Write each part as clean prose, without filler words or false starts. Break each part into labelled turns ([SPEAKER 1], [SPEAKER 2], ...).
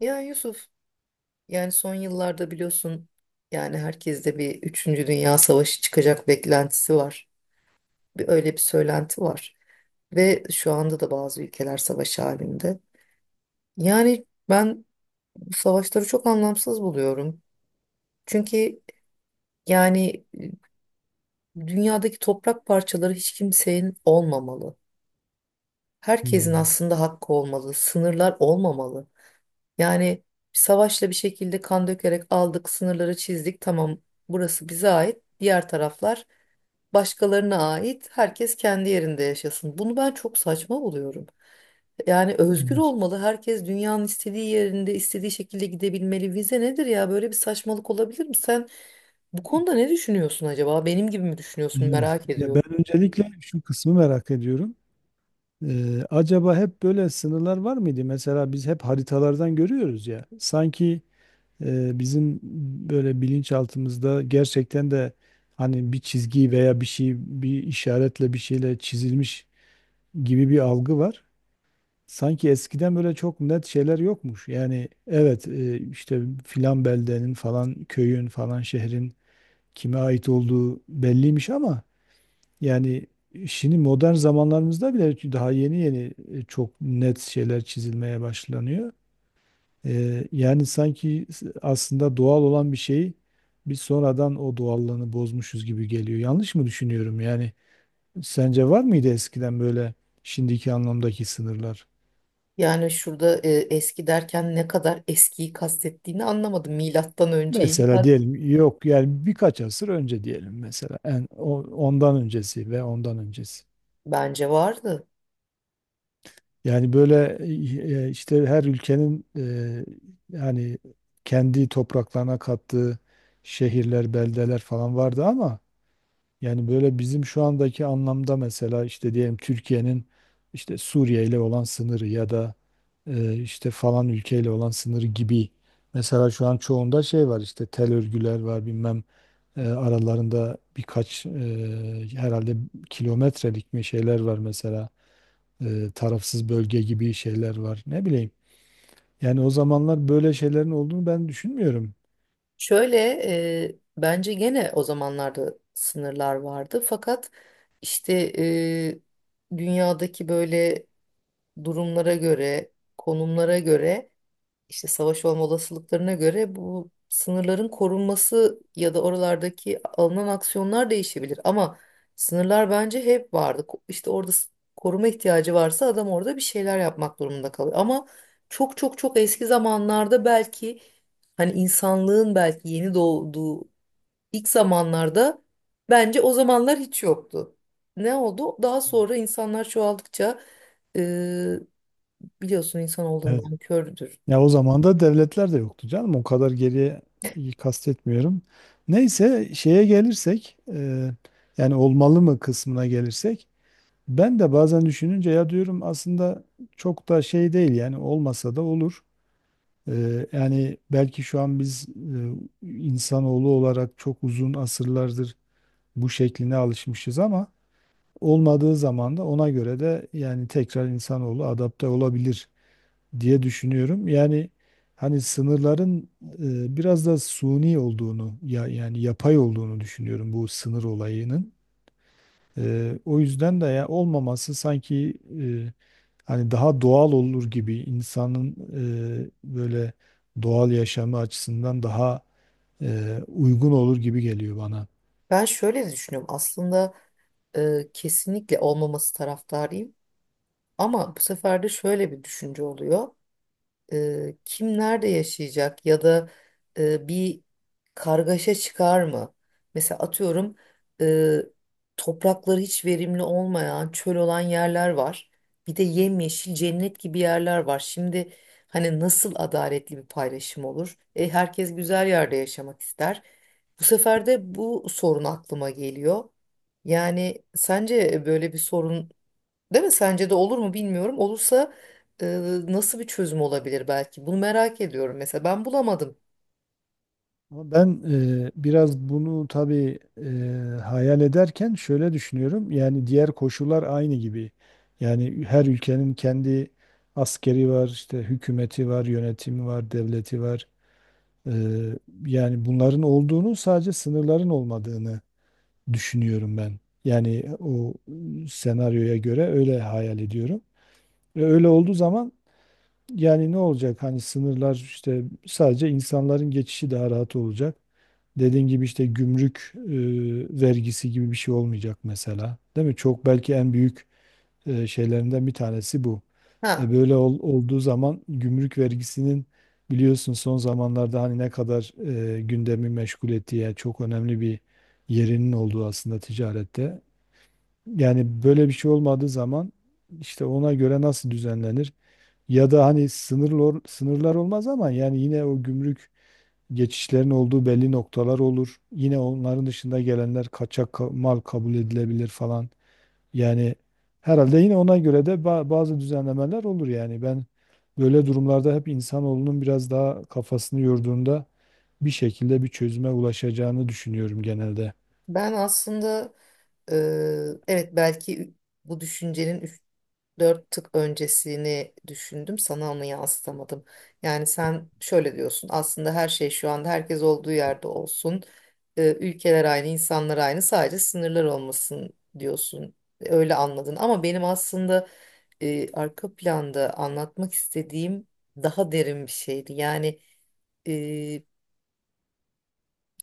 [SPEAKER 1] Ya Yusuf, yani son yıllarda biliyorsun yani herkeste bir üçüncü Dünya Savaşı çıkacak beklentisi var. Öyle bir söylenti var. Ve şu anda da bazı ülkeler savaş halinde. Yani ben bu savaşları çok anlamsız buluyorum. Çünkü yani dünyadaki toprak parçaları hiç kimsenin olmamalı. Herkesin
[SPEAKER 2] Hmm,
[SPEAKER 1] aslında hakkı olmalı, sınırlar olmamalı. Yani savaşla bir şekilde kan dökerek aldık, sınırları çizdik. Tamam, burası bize ait. Diğer taraflar başkalarına ait. Herkes kendi yerinde yaşasın. Bunu ben çok saçma buluyorum. Yani özgür
[SPEAKER 2] evet.
[SPEAKER 1] olmalı. Herkes dünyanın istediği yerinde, istediği şekilde gidebilmeli. Vize nedir ya? Böyle bir saçmalık olabilir mi? Sen bu konuda ne düşünüyorsun acaba? Benim gibi mi düşünüyorsun?
[SPEAKER 2] Evet.
[SPEAKER 1] Merak
[SPEAKER 2] Ya
[SPEAKER 1] ediyorum.
[SPEAKER 2] ben öncelikle şu kısmı merak ediyorum. Acaba hep böyle sınırlar var mıydı? Mesela biz hep haritalardan görüyoruz ya. Sanki bizim böyle bilinçaltımızda gerçekten de hani bir çizgi veya bir şey, bir işaretle bir şeyle çizilmiş gibi bir algı var. Sanki eskiden böyle çok net şeyler yokmuş. Yani evet, işte filan beldenin falan köyün falan şehrin kime ait olduğu belliymiş, ama yani, şimdi modern zamanlarımızda bile daha yeni yeni, çok net şeyler çizilmeye başlanıyor. Yani sanki aslında doğal olan bir şeyi biz sonradan o doğallığını bozmuşuz gibi geliyor. Yanlış mı düşünüyorum? Yani sence var mıydı eskiden böyle şimdiki anlamdaki sınırlar?
[SPEAKER 1] Yani şurada eski derken ne kadar eskiyi kastettiğini anlamadım. Milattan önceyim.
[SPEAKER 2] Mesela diyelim yok, yani birkaç asır önce diyelim, mesela ondan öncesi ve ondan öncesi.
[SPEAKER 1] Bence vardı.
[SPEAKER 2] Yani böyle, işte her ülkenin, yani kendi topraklarına kattığı şehirler, beldeler falan vardı, ama yani böyle bizim şu andaki anlamda, mesela işte diyelim Türkiye'nin işte Suriye ile olan sınırı ya da işte falan ülkeyle olan sınırı gibi, mesela şu an çoğunda şey var, işte tel örgüler var, bilmem, aralarında birkaç, herhalde kilometrelik mi şeyler var mesela, tarafsız bölge gibi şeyler var. Ne bileyim. Yani o zamanlar böyle şeylerin olduğunu ben düşünmüyorum.
[SPEAKER 1] Şöyle bence gene o zamanlarda sınırlar vardı fakat işte dünyadaki böyle durumlara göre, konumlara göre, işte savaş olma olasılıklarına göre bu sınırların korunması ya da oralardaki alınan aksiyonlar değişebilir. Ama sınırlar bence hep vardı. İşte orada koruma ihtiyacı varsa adam orada bir şeyler yapmak durumunda kalıyor. Ama çok çok çok eski zamanlarda belki hani insanlığın belki yeni doğduğu ilk zamanlarda bence o zamanlar hiç yoktu. Ne oldu? Daha sonra insanlar çoğaldıkça e, biliyorsun insan
[SPEAKER 2] Evet.
[SPEAKER 1] olduğundan kördür.
[SPEAKER 2] Ya o zaman da devletler de yoktu canım. O kadar geriye kastetmiyorum. Neyse şeye gelirsek, yani olmalı mı kısmına gelirsek, ben de bazen düşününce ya diyorum aslında çok da şey değil, yani olmasa da olur. Yani belki şu an biz, insanoğlu olarak çok uzun asırlardır bu şekline alışmışız, ama olmadığı zaman da ona göre de, yani tekrar insanoğlu adapte olabilir diye düşünüyorum. Yani hani sınırların, biraz da suni olduğunu, ya yani yapay olduğunu düşünüyorum bu sınır olayının. O yüzden de ya olmaması sanki, e, hani daha doğal olur gibi, insanın, böyle doğal yaşamı açısından daha uygun olur gibi geliyor bana.
[SPEAKER 1] Ben şöyle de düşünüyorum aslında kesinlikle olmaması taraftarıyım. Ama bu sefer de şöyle bir düşünce oluyor. Kim nerede yaşayacak ya da bir kargaşa çıkar mı? Mesela atıyorum e, toprakları hiç verimli olmayan, çöl olan yerler var. Bir de yemyeşil cennet gibi yerler var. Şimdi hani nasıl adaletli bir paylaşım olur? E, herkes güzel yerde yaşamak ister. Bu sefer de bu sorun aklıma geliyor. Yani sence böyle bir sorun, değil mi? Sence de olur mu bilmiyorum. Olursa e, nasıl bir çözüm olabilir belki? Bunu merak ediyorum mesela. Ben bulamadım.
[SPEAKER 2] Ama ben, biraz bunu tabii, hayal ederken şöyle düşünüyorum. Yani diğer koşullar aynı gibi. Yani her ülkenin kendi askeri var, işte hükümeti var, yönetimi var, devleti var. E, Yani bunların olduğunu, sadece sınırların olmadığını düşünüyorum ben. Yani o senaryoya göre öyle hayal ediyorum. Ve öyle olduğu zaman yani ne olacak? Hani sınırlar, işte sadece insanların geçişi daha rahat olacak. Dediğin gibi, işte gümrük vergisi gibi bir şey olmayacak mesela. Değil mi? Çok belki en büyük şeylerinden bir tanesi bu.
[SPEAKER 1] Ha,
[SPEAKER 2] Böyle olduğu zaman gümrük vergisinin, biliyorsun son zamanlarda hani ne kadar gündemi meşgul ettiği, yani çok önemli bir yerinin olduğu aslında ticarette. Yani böyle bir şey olmadığı zaman, işte ona göre nasıl düzenlenir? Ya da hani sınırlar, olmaz ama yani yine o gümrük geçişlerin olduğu belli noktalar olur. Yine onların dışında gelenler kaçak mal kabul edilebilir falan. Yani herhalde yine ona göre de bazı düzenlemeler olur yani. Ben böyle durumlarda hep insanoğlunun biraz daha kafasını yorduğunda bir şekilde bir çözüme ulaşacağını düşünüyorum genelde.
[SPEAKER 1] ben aslında e, evet belki bu düşüncenin dört tık öncesini düşündüm, sana onu yansıtamadım. Yani sen şöyle diyorsun aslında her şey şu anda, herkes olduğu yerde olsun. Ülkeler aynı, insanlar aynı, sadece sınırlar olmasın diyorsun. Öyle anladın ama benim aslında arka planda anlatmak istediğim daha derin bir şeydi. Yani e,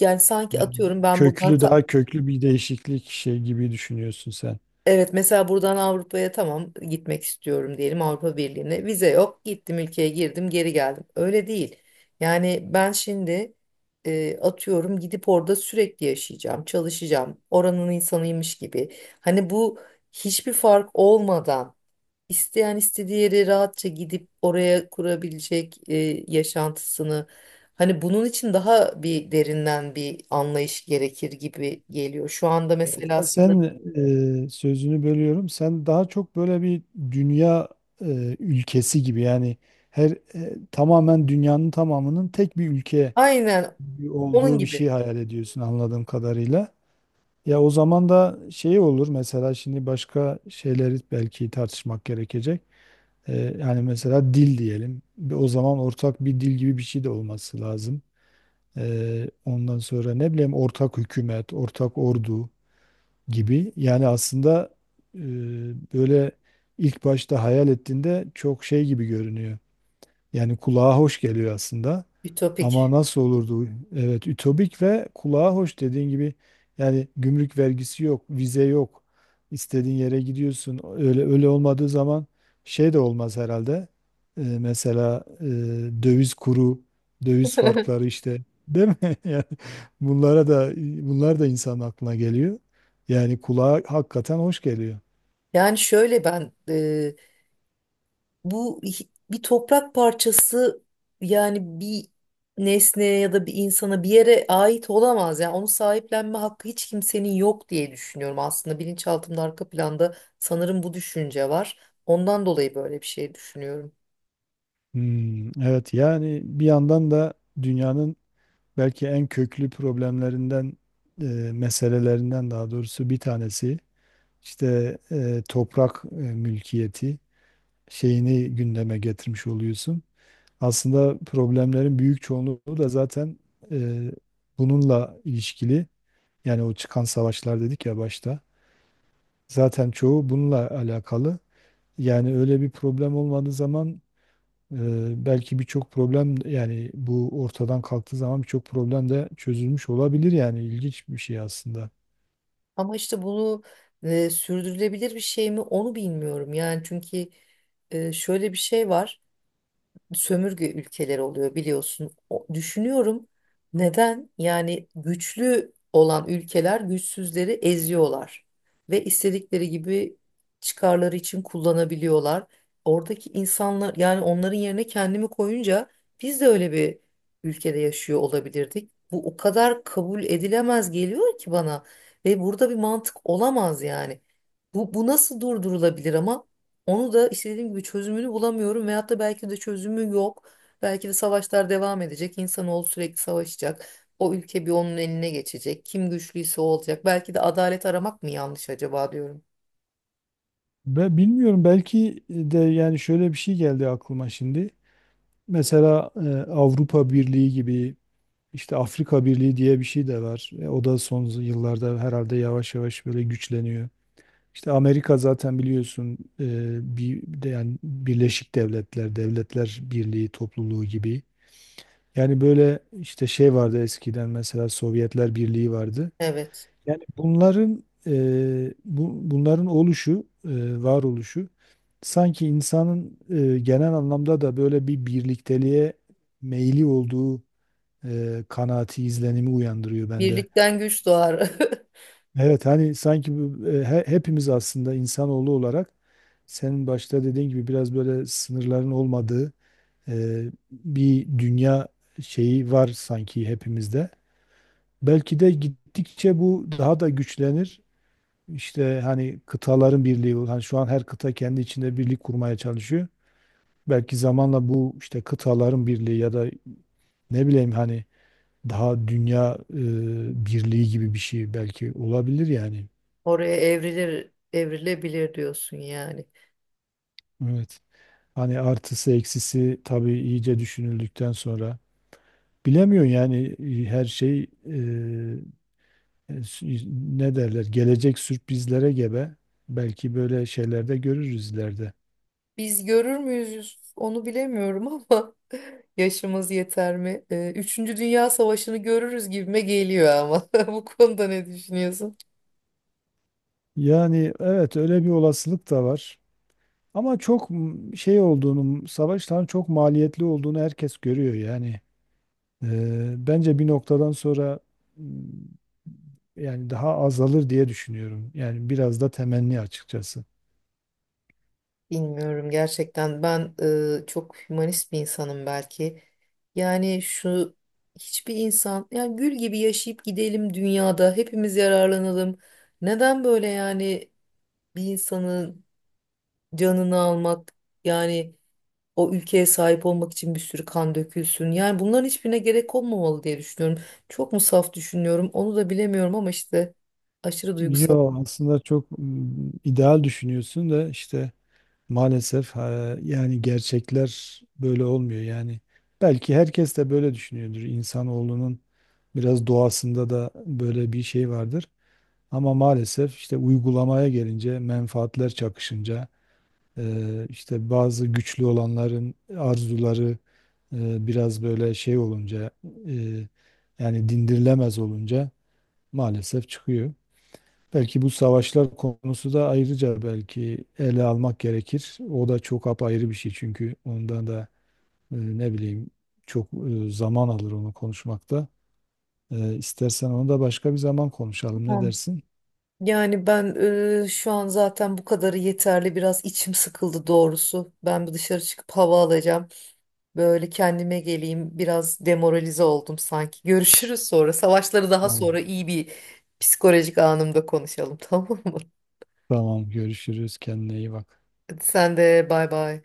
[SPEAKER 1] yani sanki
[SPEAKER 2] Yani
[SPEAKER 1] atıyorum ben buradan
[SPEAKER 2] köklü, daha köklü bir değişiklik şey gibi düşünüyorsun sen.
[SPEAKER 1] evet, mesela buradan Avrupa'ya tamam gitmek istiyorum diyelim, Avrupa Birliği'ne. Vize yok. Gittim, ülkeye girdim, geri geldim. Öyle değil. Yani ben şimdi atıyorum gidip orada sürekli yaşayacağım, çalışacağım. Oranın insanıymış gibi. Hani bu hiçbir fark olmadan isteyen istediği yere rahatça gidip oraya kurabilecek yaşantısını. Hani bunun için daha bir derinden bir anlayış gerekir gibi geliyor. Şu anda
[SPEAKER 2] Evet,
[SPEAKER 1] mesela
[SPEAKER 2] ya
[SPEAKER 1] aslında
[SPEAKER 2] sen, sözünü bölüyorum. Sen daha çok böyle bir dünya ülkesi gibi, yani her, tamamen dünyanın tamamının tek bir ülke
[SPEAKER 1] aynen, onun
[SPEAKER 2] olduğu bir şey
[SPEAKER 1] gibi.
[SPEAKER 2] hayal ediyorsun anladığım kadarıyla. Ya o zaman da şey olur mesela, şimdi başka şeyleri belki tartışmak gerekecek. Yani mesela dil diyelim. O zaman ortak bir dil gibi bir şey de olması lazım. Ondan sonra ne bileyim, ortak hükümet, ortak ordu gibi. Yani aslında, e, böyle ilk başta hayal ettiğinde çok şey gibi görünüyor. Yani kulağa hoş geliyor aslında. Ama
[SPEAKER 1] Ütopik.
[SPEAKER 2] nasıl olurdu? Evet, ütopik ve kulağa hoş dediğin gibi, yani gümrük vergisi yok, vize yok. İstediğin yere gidiyorsun. Öyle öyle olmadığı zaman şey de olmaz herhalde. Mesela, döviz kuru, döviz farkları işte, değil mi? Yani bunlara da, bunlar da insanın aklına geliyor. Yani kulağa hakikaten hoş geliyor.
[SPEAKER 1] Yani şöyle ben bu bir toprak parçası yani bir nesneye ya da bir insana bir yere ait olamaz. Yani onu sahiplenme hakkı hiç kimsenin yok diye düşünüyorum aslında. Bilinçaltımda arka planda sanırım bu düşünce var. Ondan dolayı böyle bir şey düşünüyorum.
[SPEAKER 2] Hmm, evet, yani bir yandan da dünyanın belki en köklü problemlerinden, e, meselelerinden daha doğrusu bir tanesi, işte toprak mülkiyeti şeyini gündeme getirmiş oluyorsun. Aslında problemlerin büyük çoğunluğu da zaten e, bununla ilişkili. Yani o çıkan savaşlar dedik ya başta. Zaten çoğu bununla alakalı. Yani öyle bir problem olmadığı zaman, belki birçok problem, yani bu ortadan kalktığı zaman birçok problem de çözülmüş olabilir, yani ilginç bir şey aslında.
[SPEAKER 1] Ama işte bunu sürdürülebilir bir şey mi onu bilmiyorum. Yani çünkü şöyle bir şey var. Sömürge ülkeleri oluyor biliyorsun. Düşünüyorum neden? Yani güçlü olan ülkeler güçsüzleri eziyorlar ve istedikleri gibi çıkarları için kullanabiliyorlar. Oradaki insanlar yani onların yerine kendimi koyunca biz de öyle bir ülkede yaşıyor olabilirdik. Bu o kadar kabul edilemez geliyor ki bana ve burada bir mantık olamaz yani. Bu nasıl durdurulabilir ama? Onu da işte dediğim gibi çözümünü bulamıyorum veyahut da belki de çözümü yok. Belki de savaşlar devam edecek. İnsanoğlu sürekli savaşacak. O ülke bir onun eline geçecek. Kim güçlüyse o olacak. Belki de adalet aramak mı yanlış acaba diyorum.
[SPEAKER 2] Ve bilmiyorum, belki de yani şöyle bir şey geldi aklıma şimdi. Mesela, Avrupa Birliği gibi, işte Afrika Birliği diye bir şey de var. E, o da son yıllarda herhalde yavaş yavaş böyle güçleniyor. İşte Amerika zaten, biliyorsun, bir de yani Birleşik Devletler, Devletler Birliği topluluğu gibi. Yani böyle işte şey vardı eskiden, mesela Sovyetler Birliği vardı.
[SPEAKER 1] Evet.
[SPEAKER 2] Bunların, bunların oluşu, varoluşu sanki insanın, genel anlamda da böyle bir birlikteliğe meyli olduğu kanaati, izlenimi uyandırıyor bende.
[SPEAKER 1] Birlikten güç doğar.
[SPEAKER 2] Evet, hani sanki bu, hepimiz aslında insanoğlu olarak senin başta dediğin gibi biraz böyle sınırların olmadığı e, bir dünya şeyi var sanki hepimizde. Belki de gittikçe bu daha da güçlenir. İşte hani kıtaların birliği, hani şu an her kıta kendi içinde birlik kurmaya çalışıyor. Belki zamanla bu işte kıtaların birliği ya da ne bileyim, hani daha dünya birliği gibi bir şey belki olabilir yani.
[SPEAKER 1] Oraya evrilir, evrilebilir diyorsun yani.
[SPEAKER 2] Evet. Hani artısı eksisi tabii iyice düşünüldükten sonra bilemiyorum, yani, her şey, e, s- ne derler, gelecek sürprizlere gebe. Belki böyle şeylerde görürüz ileride.
[SPEAKER 1] Biz görür müyüz onu bilemiyorum ama yaşımız yeter mi? Üçüncü Dünya Savaşı'nı görürüz gibime geliyor ama. Bu konuda ne düşünüyorsun?
[SPEAKER 2] Yani, evet, öyle bir olasılık da var. Ama çok şey olduğunu, savaşların çok maliyetli olduğunu herkes görüyor yani. Bence bir noktadan sonra, m, yani daha azalır diye düşünüyorum. Yani biraz da temenni açıkçası.
[SPEAKER 1] Bilmiyorum gerçekten ben çok hümanist bir insanım belki. Yani şu hiçbir insan yani gül gibi yaşayıp gidelim dünyada hepimiz yararlanalım. Neden böyle yani bir insanın canını almak yani o ülkeye sahip olmak için bir sürü kan dökülsün. Yani bunların hiçbirine gerek olmamalı diye düşünüyorum. Çok mu saf düşünüyorum onu da bilemiyorum ama işte aşırı duygusal.
[SPEAKER 2] Yo, aslında çok ideal düşünüyorsun da, işte maalesef, ha, yani gerçekler böyle olmuyor yani. Belki herkes de böyle düşünüyordur. İnsanoğlunun biraz doğasında da böyle bir şey vardır. Ama maalesef, işte uygulamaya gelince, menfaatler çakışınca, işte bazı güçlü olanların arzuları, biraz böyle şey olunca, e, yani dindirilemez olunca maalesef çıkıyor. Belki bu savaşlar konusu da ayrıca belki ele almak gerekir. O da çok apayrı bir şey, çünkü ondan da, ne bileyim, çok zaman alır onu konuşmakta. E, istersen onu da başka bir zaman konuşalım. Ne dersin?
[SPEAKER 1] Yani ben şu an zaten bu kadarı yeterli. Biraz içim sıkıldı doğrusu. Ben bir dışarı çıkıp hava alacağım. Böyle kendime geleyim. Biraz demoralize oldum sanki. Görüşürüz sonra. Savaşları daha
[SPEAKER 2] Tamam.
[SPEAKER 1] sonra iyi bir psikolojik anımda konuşalım tamam mı?
[SPEAKER 2] Tamam, görüşürüz. Kendine iyi bak.
[SPEAKER 1] Hadi sen de bay bay.